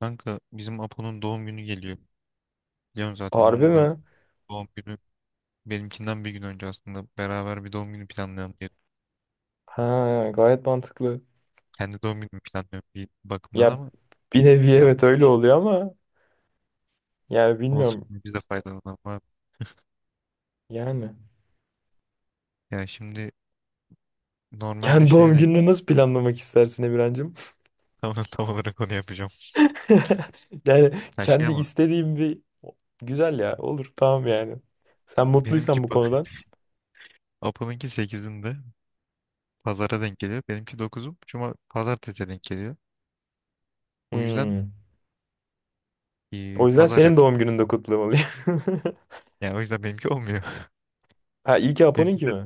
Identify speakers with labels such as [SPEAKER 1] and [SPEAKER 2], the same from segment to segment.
[SPEAKER 1] Kanka bizim Apo'nun doğum günü geliyor. Biliyorum zaten
[SPEAKER 2] Harbi
[SPEAKER 1] onun da
[SPEAKER 2] mi?
[SPEAKER 1] doğum günü benimkinden bir gün önce aslında beraber bir doğum günü planlayalım diye.
[SPEAKER 2] Ha, gayet mantıklı.
[SPEAKER 1] Kendi doğum günümü planlıyorum bir bakımdan
[SPEAKER 2] Ya
[SPEAKER 1] ama
[SPEAKER 2] bir nevi evet
[SPEAKER 1] yapacak bir
[SPEAKER 2] öyle
[SPEAKER 1] şey.
[SPEAKER 2] oluyor ama yani
[SPEAKER 1] Olsun
[SPEAKER 2] bilmiyorum.
[SPEAKER 1] biz de faydalanalım abi.
[SPEAKER 2] Yani
[SPEAKER 1] Yani şimdi normalde
[SPEAKER 2] kendi
[SPEAKER 1] şeye
[SPEAKER 2] doğum
[SPEAKER 1] denk
[SPEAKER 2] gününü nasıl planlamak istersin Emirhancığım?
[SPEAKER 1] tam olarak onu yapacağım.
[SPEAKER 2] Yani
[SPEAKER 1] Her şey
[SPEAKER 2] kendi
[SPEAKER 1] ama
[SPEAKER 2] istediğim bir güzel ya olur tamam yani. Sen
[SPEAKER 1] benimki
[SPEAKER 2] mutluysan bu
[SPEAKER 1] pa-
[SPEAKER 2] konudan.
[SPEAKER 1] Apo'nunki sekizinde pazara denk geliyor. Benimki 9'u cuma pazartesiye denk geliyor. O yüzden
[SPEAKER 2] Hmm. O yüzden
[SPEAKER 1] pazar
[SPEAKER 2] senin
[SPEAKER 1] yapacağım.
[SPEAKER 2] doğum gününde kutlamalıyım.
[SPEAKER 1] Yani o yüzden benimki olmuyor.
[SPEAKER 2] Ha iyi ki
[SPEAKER 1] Benimki
[SPEAKER 2] Apo'nunki
[SPEAKER 1] de
[SPEAKER 2] mi?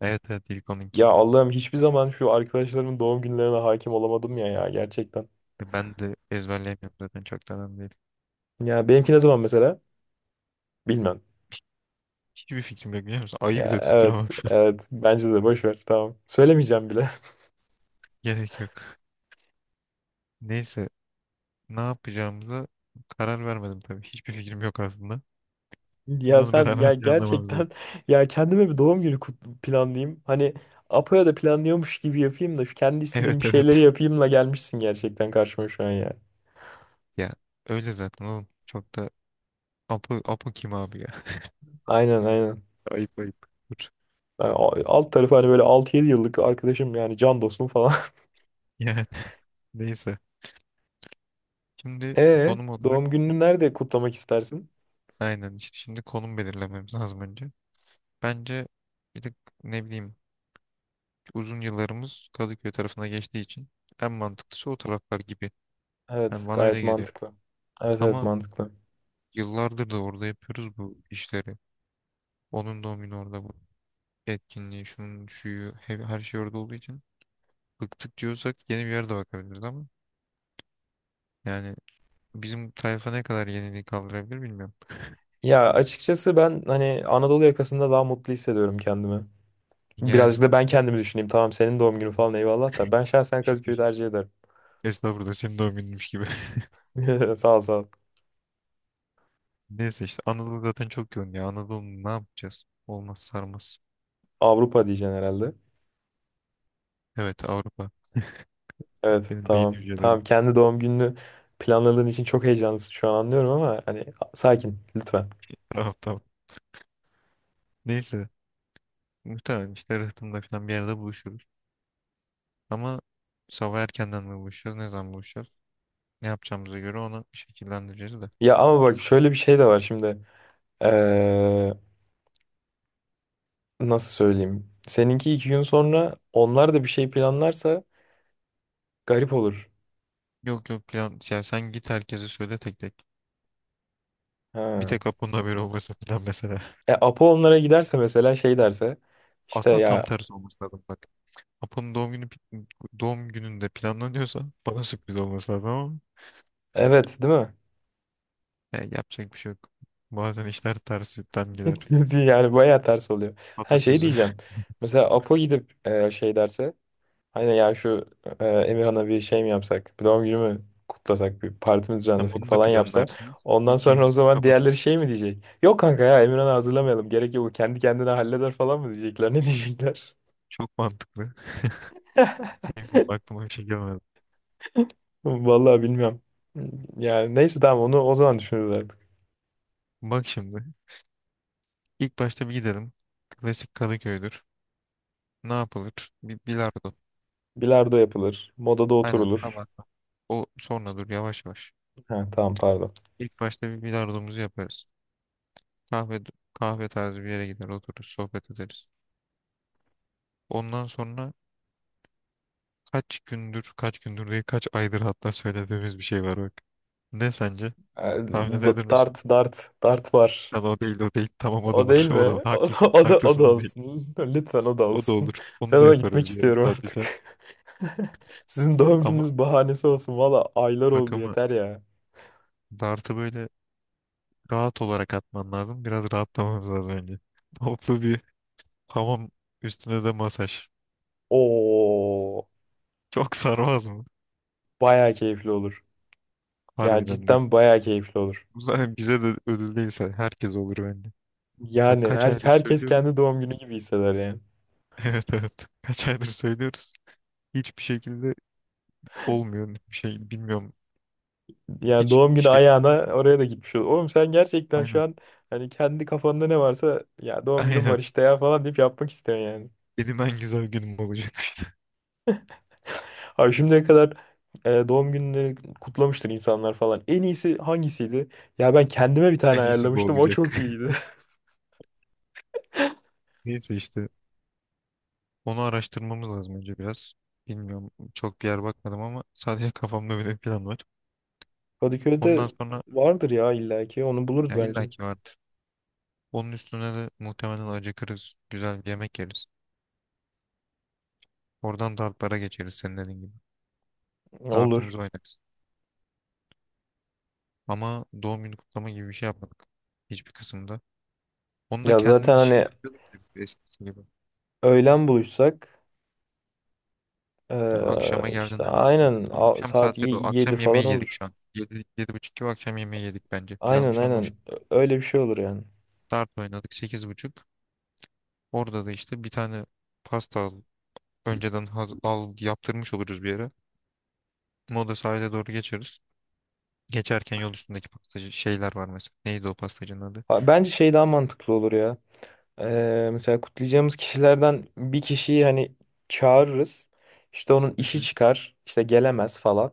[SPEAKER 1] evet evet ilk onunki.
[SPEAKER 2] Ya Allah'ım hiçbir zaman şu arkadaşlarımın doğum günlerine hakim olamadım ya ya gerçekten.
[SPEAKER 1] Ya ben de ezberleyemiyorum zaten çok da önemli değil.
[SPEAKER 2] Ya benimki ne zaman mesela? Bilmem.
[SPEAKER 1] Hiçbir fikrim yok biliyor musun? Ayı
[SPEAKER 2] Ya
[SPEAKER 1] bile
[SPEAKER 2] evet,
[SPEAKER 1] tutturamam şu an.
[SPEAKER 2] evet. Bence de boş ver. Tamam. Söylemeyeceğim bile.
[SPEAKER 1] Gerek yok. Neyse ne yapacağımıza karar vermedim tabii. Hiçbir fikrim yok aslında. Şimdi
[SPEAKER 2] Ya
[SPEAKER 1] onu
[SPEAKER 2] sen
[SPEAKER 1] beraber
[SPEAKER 2] ya
[SPEAKER 1] planlamamız lazım.
[SPEAKER 2] gerçekten ya kendime bir doğum günü planlayayım. Hani Apo'ya da planlıyormuş gibi yapayım da şu kendi istediğim
[SPEAKER 1] Evet
[SPEAKER 2] bir şeyleri
[SPEAKER 1] evet.
[SPEAKER 2] yapayımla gelmişsin gerçekten karşıma şu an ya.
[SPEAKER 1] Ya öyle zaten oğlum. Çok da Apo, Apo kim abi ya?
[SPEAKER 2] Aynen aynen.
[SPEAKER 1] Ayıp ayıp. Dur.
[SPEAKER 2] Yani alt tarafı hani böyle 6 7 yıllık arkadaşım yani can dostum falan.
[SPEAKER 1] Yani neyse. Şimdi
[SPEAKER 2] E
[SPEAKER 1] konum olarak
[SPEAKER 2] doğum gününü nerede kutlamak istersin?
[SPEAKER 1] aynen işte şimdi konum belirlememiz lazım önce. Bence bir de ne bileyim uzun yıllarımız Kadıköy tarafına geçtiği için en mantıklısı o taraflar gibi. Yani
[SPEAKER 2] Evet,
[SPEAKER 1] bana
[SPEAKER 2] gayet
[SPEAKER 1] öyle geliyor.
[SPEAKER 2] mantıklı. Evet evet
[SPEAKER 1] Ama
[SPEAKER 2] mantıklı.
[SPEAKER 1] yıllardır da orada yapıyoruz bu işleri. Onun doğum günü orada bu etkinliği, şunun şuyu, her şey orada olduğu için bıktık diyorsak yeni bir yerde bakabiliriz ama yani bizim tayfa ne kadar yeniliği kaldırabilir bilmiyorum.
[SPEAKER 2] Ya açıkçası ben hani Anadolu yakasında daha mutlu hissediyorum kendimi. Birazcık
[SPEAKER 1] Yani
[SPEAKER 2] da ben kendimi düşüneyim. Tamam senin doğum günü falan eyvallah da. Ben şahsen Kadıköy'ü tercih ederim.
[SPEAKER 1] estağfurullah senin doğum gününmüş gibi.
[SPEAKER 2] Sağ ol sağ ol.
[SPEAKER 1] Neyse işte Anadolu zaten çok yoğun ya. Anadolu ne yapacağız? Olmaz sarmaz.
[SPEAKER 2] Avrupa diyeceksin herhalde.
[SPEAKER 1] Evet Avrupa.
[SPEAKER 2] Evet
[SPEAKER 1] Benim beyin
[SPEAKER 2] tamam. Tamam
[SPEAKER 1] hücrelerim.
[SPEAKER 2] kendi doğum gününü planladığın için çok heyecanlısın şu an anlıyorum ama hani sakin lütfen.
[SPEAKER 1] Tamam tamam. Neyse. Muhtemelen işte Rıhtım'da falan bir yerde buluşuruz. Ama sabah erkenden mi buluşacağız? Ne zaman buluşacağız? Ne yapacağımıza göre onu şekillendireceğiz de.
[SPEAKER 2] Ya ama bak şöyle bir şey de var şimdi. Ee, Nasıl söyleyeyim? Seninki 2 gün sonra onlar da bir şey planlarsa garip olur.
[SPEAKER 1] Yok yok plan, ya sen git herkese söyle tek tek. Bir
[SPEAKER 2] Ha.
[SPEAKER 1] tek Apo'nun haberi olmasın falan mesela.
[SPEAKER 2] E Apo onlara giderse mesela şey derse işte
[SPEAKER 1] Aslında tam
[SPEAKER 2] ya
[SPEAKER 1] tersi olması lazım bak. Apo'nun doğum gününde planlanıyorsa bana sürpriz olması lazım ama
[SPEAKER 2] evet değil mi?
[SPEAKER 1] ya yapacak bir şey yok. Bazen işler tersinden gider.
[SPEAKER 2] Yani bayağı ters oluyor. Her şey
[SPEAKER 1] Atasözü.
[SPEAKER 2] diyeceğim. Mesela Apo gidip şey derse hani ya şu Emirhan'a bir şey mi yapsak? Bir doğum günü mü kutlasak? Bir parti mi
[SPEAKER 1] Tam
[SPEAKER 2] düzenlesek
[SPEAKER 1] onu da
[SPEAKER 2] falan yapsa.
[SPEAKER 1] planlarsınız.
[SPEAKER 2] Ondan
[SPEAKER 1] İki
[SPEAKER 2] sonra o
[SPEAKER 1] gün
[SPEAKER 2] zaman diğerleri
[SPEAKER 1] kapatırız.
[SPEAKER 2] şey mi diyecek? Yok kanka ya Emirhan'ı hazırlamayalım. Gerek yok. O kendi kendine halleder falan mı diyecekler? Ne diyecekler?
[SPEAKER 1] Çok mantıklı. Aklıma bir şey gelmedi.
[SPEAKER 2] Vallahi bilmiyorum. Yani neyse tamam onu o zaman düşünürüz artık.
[SPEAKER 1] Bak şimdi. İlk başta bir gidelim. Klasik Kadıköy'dür. Ne yapılır? Bir bilardo.
[SPEAKER 2] Bilardo yapılır. Modada
[SPEAKER 1] Aynen
[SPEAKER 2] oturulur.
[SPEAKER 1] tabak. O sonra dur yavaş yavaş.
[SPEAKER 2] Ha, tamam pardon.
[SPEAKER 1] İlk başta bir bilardomuzu yaparız. Kahve kahve tarzı bir yere gider otururuz sohbet ederiz. Ondan sonra kaç gündür değil kaç aydır hatta söylediğimiz bir şey var bak. Ne sence?
[SPEAKER 2] E,
[SPEAKER 1] Tahmin edebilir
[SPEAKER 2] Dart,
[SPEAKER 1] misin?
[SPEAKER 2] dart var.
[SPEAKER 1] Lan o değil o değil. Tamam o da
[SPEAKER 2] O değil
[SPEAKER 1] var. O da var.
[SPEAKER 2] mi? O,
[SPEAKER 1] Haklısın.
[SPEAKER 2] o da o
[SPEAKER 1] Haklısın
[SPEAKER 2] da
[SPEAKER 1] da değil.
[SPEAKER 2] olsun. Lütfen o da
[SPEAKER 1] O da
[SPEAKER 2] olsun.
[SPEAKER 1] olur.
[SPEAKER 2] Ben
[SPEAKER 1] Onu da
[SPEAKER 2] ona gitmek
[SPEAKER 1] yaparız bir yarım
[SPEAKER 2] istiyorum
[SPEAKER 1] saat bir saat.
[SPEAKER 2] artık. Sizin doğum
[SPEAKER 1] Ama
[SPEAKER 2] gününüz bahanesi olsun. Valla aylar
[SPEAKER 1] bak
[SPEAKER 2] oldu
[SPEAKER 1] ama
[SPEAKER 2] yeter ya.
[SPEAKER 1] dartı böyle rahat olarak atman lazım. Biraz rahatlamamız lazım önce. Toplu bir hamam üstüne de masaj.
[SPEAKER 2] Oo,
[SPEAKER 1] Çok sarmaz mı?
[SPEAKER 2] baya keyifli olur. Ya
[SPEAKER 1] Harbiden bak.
[SPEAKER 2] cidden baya keyifli olur.
[SPEAKER 1] Bu zaten bize de ödül değilse herkes olur bence. Bak
[SPEAKER 2] Yani
[SPEAKER 1] kaç aydır
[SPEAKER 2] herkes
[SPEAKER 1] söylüyoruz.
[SPEAKER 2] kendi doğum günü gibi hisseder yani.
[SPEAKER 1] Evet evet. Kaç aydır söylüyoruz. Hiçbir şekilde olmuyor. Bir şey bilmiyorum.
[SPEAKER 2] Yani
[SPEAKER 1] Hiç
[SPEAKER 2] doğum günü
[SPEAKER 1] şey.
[SPEAKER 2] ayağına oraya da gitmiş olur. Oğlum sen gerçekten şu
[SPEAKER 1] Aynen.
[SPEAKER 2] an hani kendi kafanda ne varsa ya doğum günüm var
[SPEAKER 1] Aynen.
[SPEAKER 2] işte ya falan deyip yapmak istiyorsun yani.
[SPEAKER 1] Benim en güzel günüm olacak.
[SPEAKER 2] Abi şimdiye kadar doğum günleri kutlamıştır insanlar falan. En iyisi hangisiydi? Ya ben kendime bir
[SPEAKER 1] En
[SPEAKER 2] tane
[SPEAKER 1] iyisi bu
[SPEAKER 2] ayarlamıştım. O
[SPEAKER 1] olacak.
[SPEAKER 2] çok iyiydi.
[SPEAKER 1] Neyse işte. Onu araştırmamız lazım önce biraz. Bilmiyorum. Çok bir yer bakmadım ama sadece kafamda böyle bir plan var.
[SPEAKER 2] Kadıköy'de
[SPEAKER 1] Ondan sonra
[SPEAKER 2] vardır ya illaki. Onu buluruz
[SPEAKER 1] ya
[SPEAKER 2] bence.
[SPEAKER 1] illaki var. Onun üstüne de muhtemelen acıkırız. Güzel bir yemek yeriz. Oradan dartlara geçeriz senin dediğin gibi.
[SPEAKER 2] Olur.
[SPEAKER 1] Dartımızı oynarız. Ama doğum günü kutlama gibi bir şey yapmadık. Hiçbir kısımda. Onu da
[SPEAKER 2] Ya zaten
[SPEAKER 1] kendimiz şey
[SPEAKER 2] hani
[SPEAKER 1] yapıyorduk gibi eskisi gibi.
[SPEAKER 2] öğlen buluşsak
[SPEAKER 1] Ya akşama
[SPEAKER 2] e,
[SPEAKER 1] geldin
[SPEAKER 2] işte
[SPEAKER 1] abi ismi.
[SPEAKER 2] aynen
[SPEAKER 1] Tam akşam
[SPEAKER 2] saat
[SPEAKER 1] saatleri o.
[SPEAKER 2] 7
[SPEAKER 1] Akşam
[SPEAKER 2] falan
[SPEAKER 1] yemeği yedik
[SPEAKER 2] olur.
[SPEAKER 1] şu an. Yedi yedi buçuk gibi akşam yemeği yedik bence. Plan
[SPEAKER 2] Aynen
[SPEAKER 1] şu an o.
[SPEAKER 2] aynen. Öyle bir şey olur yani.
[SPEAKER 1] Dart oynadık sekiz buçuk. Orada da işte bir tane pasta al. Önceden al yaptırmış oluruz bir yere. Moda sahile doğru geçeriz. Geçerken yol üstündeki pastacı şeyler var mesela. Neydi o pastacının adı?
[SPEAKER 2] Ha, bence şey daha mantıklı olur ya. Mesela kutlayacağımız kişilerden bir kişiyi hani çağırırız. İşte onun
[SPEAKER 1] Hı
[SPEAKER 2] işi
[SPEAKER 1] hı.
[SPEAKER 2] çıkar, işte gelemez falan.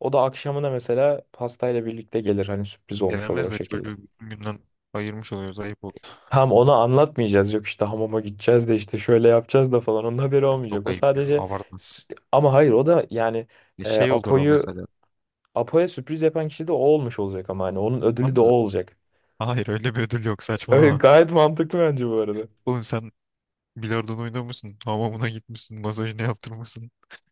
[SPEAKER 2] O da akşamına mesela pastayla birlikte gelir hani sürpriz olmuş olur
[SPEAKER 1] Gelemez
[SPEAKER 2] o
[SPEAKER 1] de
[SPEAKER 2] şekilde.
[SPEAKER 1] çocuğu bütün günden ayırmış oluyoruz. Ayıp oldu.
[SPEAKER 2] Tam ona anlatmayacağız yok işte hamama gideceğiz de işte şöyle yapacağız da falan onun haberi olmayacak.
[SPEAKER 1] Çok
[SPEAKER 2] O
[SPEAKER 1] ayıp ya.
[SPEAKER 2] sadece
[SPEAKER 1] Abartmasın.
[SPEAKER 2] s- ama hayır o da yani
[SPEAKER 1] E
[SPEAKER 2] e,
[SPEAKER 1] şey olur o
[SPEAKER 2] Apo'yu
[SPEAKER 1] mesela.
[SPEAKER 2] Apo'ya sürpriz yapan kişi de o olmuş olacak ama hani onun
[SPEAKER 1] Tam
[SPEAKER 2] ödülü de o
[SPEAKER 1] da
[SPEAKER 2] olacak.
[SPEAKER 1] hayır öyle bir ödül yok
[SPEAKER 2] Öyle
[SPEAKER 1] saçmalama.
[SPEAKER 2] gayet mantıklı bence bu arada.
[SPEAKER 1] Oğlum sen bilardon oynamışsın. Hamamına gitmişsin. Masajını yaptırmışsın.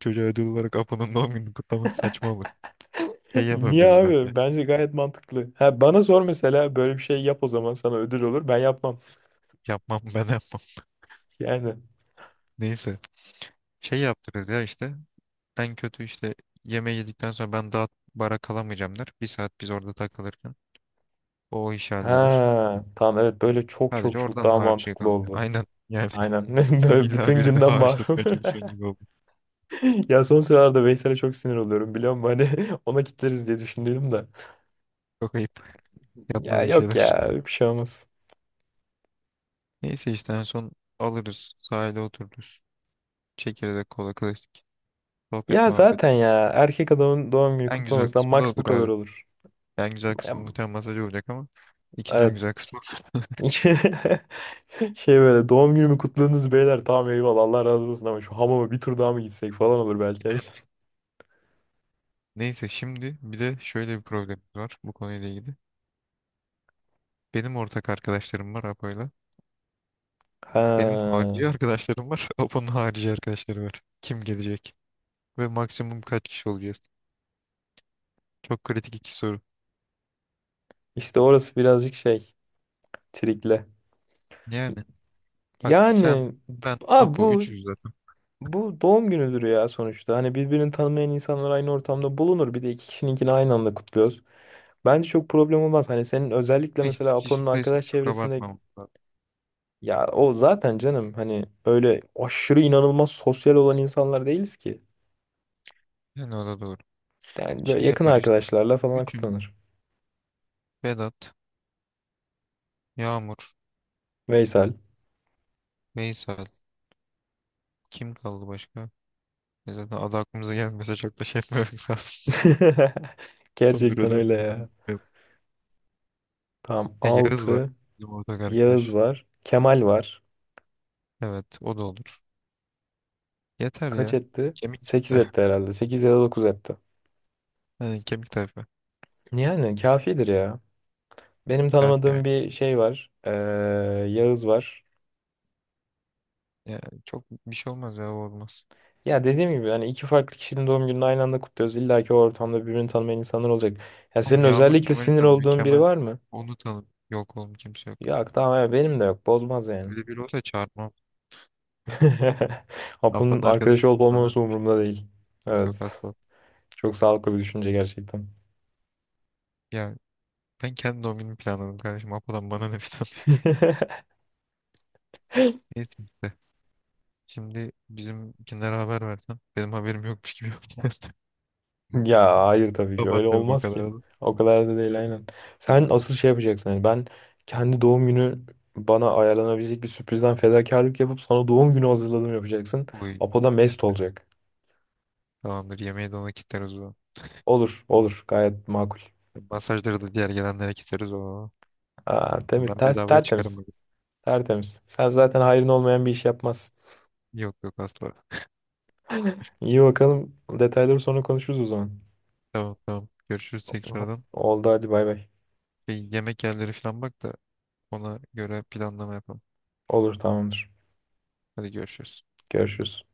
[SPEAKER 1] Çocuğa ödül olarak Apo'nun doğum gününü kutlamak saçma olur. Şey
[SPEAKER 2] Niye
[SPEAKER 1] yapabiliriz bence.
[SPEAKER 2] abi? Bence gayet mantıklı. Ha, bana sor mesela böyle bir şey yap o zaman sana ödül olur. Ben yapmam.
[SPEAKER 1] Yapmam ben yapmam.
[SPEAKER 2] Yani.
[SPEAKER 1] Neyse. Şey yaptırırız ya işte. En kötü işte yemeği yedikten sonra ben daha bara kalamayacağım der bir saat biz orada takılırken. O iş halleder.
[SPEAKER 2] Ha, tamam evet böyle çok çok
[SPEAKER 1] Sadece
[SPEAKER 2] çok
[SPEAKER 1] oradan
[SPEAKER 2] daha
[SPEAKER 1] harcı
[SPEAKER 2] mantıklı
[SPEAKER 1] kaldı.
[SPEAKER 2] oldu.
[SPEAKER 1] Aynen. Yani
[SPEAKER 2] Aynen.
[SPEAKER 1] sen
[SPEAKER 2] Böyle
[SPEAKER 1] illa
[SPEAKER 2] bütün
[SPEAKER 1] birini
[SPEAKER 2] günden
[SPEAKER 1] hariç
[SPEAKER 2] mahrum.
[SPEAKER 1] tutmaya çalışıyorsun gibi oldu.
[SPEAKER 2] Ya son sıralarda Veysel'e çok sinir oluyorum biliyor musun? Hani ona kitleriz diye düşündüm de.
[SPEAKER 1] Çok ayıp.
[SPEAKER 2] Ya
[SPEAKER 1] Yapma bir
[SPEAKER 2] yok
[SPEAKER 1] şeyler.
[SPEAKER 2] ya bir şey olmaz.
[SPEAKER 1] Neyse işte en son alırız. Sahile otururuz. Çekirdek kola klasik. Sohbet
[SPEAKER 2] Ya
[SPEAKER 1] muhabbet.
[SPEAKER 2] zaten ya erkek adamın doğum günü
[SPEAKER 1] En güzel
[SPEAKER 2] kutlamasından
[SPEAKER 1] kısmı da
[SPEAKER 2] max bu
[SPEAKER 1] odur
[SPEAKER 2] kadar
[SPEAKER 1] abi.
[SPEAKER 2] olur.
[SPEAKER 1] En güzel
[SPEAKER 2] Ya,
[SPEAKER 1] kısmı muhtemelen masaj olacak ama ikinci en
[SPEAKER 2] evet.
[SPEAKER 1] güzel kısmı odur.
[SPEAKER 2] Şey böyle doğum günümü kutladınız beyler tamam eyvallah Allah razı olsun ama şu hamama bir tur daha mı gitsek falan olur belki en son.
[SPEAKER 1] Neyse şimdi bir de şöyle bir problemimiz var bu konuyla ilgili. Benim ortak arkadaşlarım var Apo'yla.
[SPEAKER 2] Ha,
[SPEAKER 1] Benim harici arkadaşlarım var. Apo'nun harici arkadaşları var. Kim gelecek? Ve maksimum kaç kişi olacağız? Çok kritik iki soru.
[SPEAKER 2] işte orası birazcık şey trikle.
[SPEAKER 1] Yani bak sen
[SPEAKER 2] Yani
[SPEAKER 1] ben
[SPEAKER 2] abi
[SPEAKER 1] Apo
[SPEAKER 2] bu
[SPEAKER 1] 300 zaten.
[SPEAKER 2] bu doğum günüdür ya sonuçta. Hani birbirini tanımayan insanlar aynı ortamda bulunur. Bir de iki kişininkini aynı anda kutluyoruz. Bence çok problem olmaz. Hani senin özellikle
[SPEAKER 1] Ama işte
[SPEAKER 2] mesela Apo'nun
[SPEAKER 1] kişi sayısını
[SPEAKER 2] arkadaş
[SPEAKER 1] çok
[SPEAKER 2] çevresinde
[SPEAKER 1] abartmamız lazım.
[SPEAKER 2] ya o zaten canım hani öyle aşırı inanılmaz sosyal olan insanlar değiliz ki.
[SPEAKER 1] Yani o da doğru.
[SPEAKER 2] Yani böyle
[SPEAKER 1] Şey
[SPEAKER 2] yakın
[SPEAKER 1] yapar işte.
[SPEAKER 2] arkadaşlarla falan
[SPEAKER 1] Üçümüz,
[SPEAKER 2] kutlanır.
[SPEAKER 1] Vedat, Yağmur,
[SPEAKER 2] Veysel.
[SPEAKER 1] Veysel. Kim kaldı başka? E zaten adı aklımıza gelmiyorsa çok da şey yapmamak lazım.
[SPEAKER 2] Gerçekten
[SPEAKER 1] Öbürüden
[SPEAKER 2] öyle ya.
[SPEAKER 1] birinin.
[SPEAKER 2] Tamam
[SPEAKER 1] Yağız var.
[SPEAKER 2] 6
[SPEAKER 1] Bizim ortak
[SPEAKER 2] Yağız
[SPEAKER 1] arkadaş.
[SPEAKER 2] var. Kemal var.
[SPEAKER 1] Evet o da olur. Yeter
[SPEAKER 2] Kaç
[SPEAKER 1] ya.
[SPEAKER 2] etti?
[SPEAKER 1] Kemik
[SPEAKER 2] 8
[SPEAKER 1] kitle.
[SPEAKER 2] etti herhalde. 8 ya da 9 etti.
[SPEAKER 1] Yani kemik tayfa.
[SPEAKER 2] Yani kafidir ya. Benim
[SPEAKER 1] Kitap yani.
[SPEAKER 2] tanımadığım bir şey var. Yağız var.
[SPEAKER 1] Yani çok bir şey olmaz ya o olmaz.
[SPEAKER 2] Ya dediğim gibi hani iki farklı kişinin doğum gününü aynı anda kutluyoruz. İlla ki o ortamda birbirini tanımayan insanlar olacak. Ya
[SPEAKER 1] Oğlum
[SPEAKER 2] senin
[SPEAKER 1] Yağmur
[SPEAKER 2] özellikle
[SPEAKER 1] Kemal'i
[SPEAKER 2] sinir
[SPEAKER 1] tanımıyor.
[SPEAKER 2] olduğun biri
[SPEAKER 1] Kemal
[SPEAKER 2] var mı?
[SPEAKER 1] onu tanım. Yok oğlum kimse yok.
[SPEAKER 2] Yok tamam ya benim de yok. Bozmaz yani.
[SPEAKER 1] Böyle biri olsa çağırmam.
[SPEAKER 2] Apo'nun
[SPEAKER 1] Apo'nun arkadaşı
[SPEAKER 2] arkadaşı olup
[SPEAKER 1] bana.
[SPEAKER 2] olmaması umurumda değil.
[SPEAKER 1] Yok yok
[SPEAKER 2] Evet.
[SPEAKER 1] asla.
[SPEAKER 2] Çok sağlıklı bir düşünce gerçekten.
[SPEAKER 1] Ya ben kendi doğum günümü planladım kardeşim. Apo'dan bana ne falan. Neyse işte. Şimdi bizimkinlere haber versen. Benim haberim yokmuş gibi yaptın.
[SPEAKER 2] Ya hayır tabii ki öyle
[SPEAKER 1] Abartmayalım o
[SPEAKER 2] olmaz ki.
[SPEAKER 1] kadar da.
[SPEAKER 2] O kadar da değil
[SPEAKER 1] Evet.
[SPEAKER 2] aynen. Sen asıl şey yapacaksın. Yani ben kendi doğum günü bana ayarlanabilecek bir sürprizden fedakarlık yapıp sana doğum günü hazırladım yapacaksın.
[SPEAKER 1] Oy
[SPEAKER 2] Apo da mest
[SPEAKER 1] işte.
[SPEAKER 2] olacak.
[SPEAKER 1] Tamamdır yemeği de ona kitleriz o.
[SPEAKER 2] Olur olur gayet makul.
[SPEAKER 1] Masajları da diğer gelenlere kitleriz o.
[SPEAKER 2] Aa,
[SPEAKER 1] Ben bedavaya çıkarım
[SPEAKER 2] tertemiz.
[SPEAKER 1] bugün.
[SPEAKER 2] Tertemiz. Sen zaten hayrın olmayan bir iş yapmazsın.
[SPEAKER 1] Yok yok asla.
[SPEAKER 2] İyi bakalım. Detayları sonra konuşuruz o zaman.
[SPEAKER 1] Tamam tamam. Görüşürüz tekrardan.
[SPEAKER 2] Oldu hadi bay bay.
[SPEAKER 1] Bir yemek yerleri falan bak da ona göre planlama yapalım.
[SPEAKER 2] Olur tamamdır.
[SPEAKER 1] Hadi görüşürüz.
[SPEAKER 2] Görüşürüz.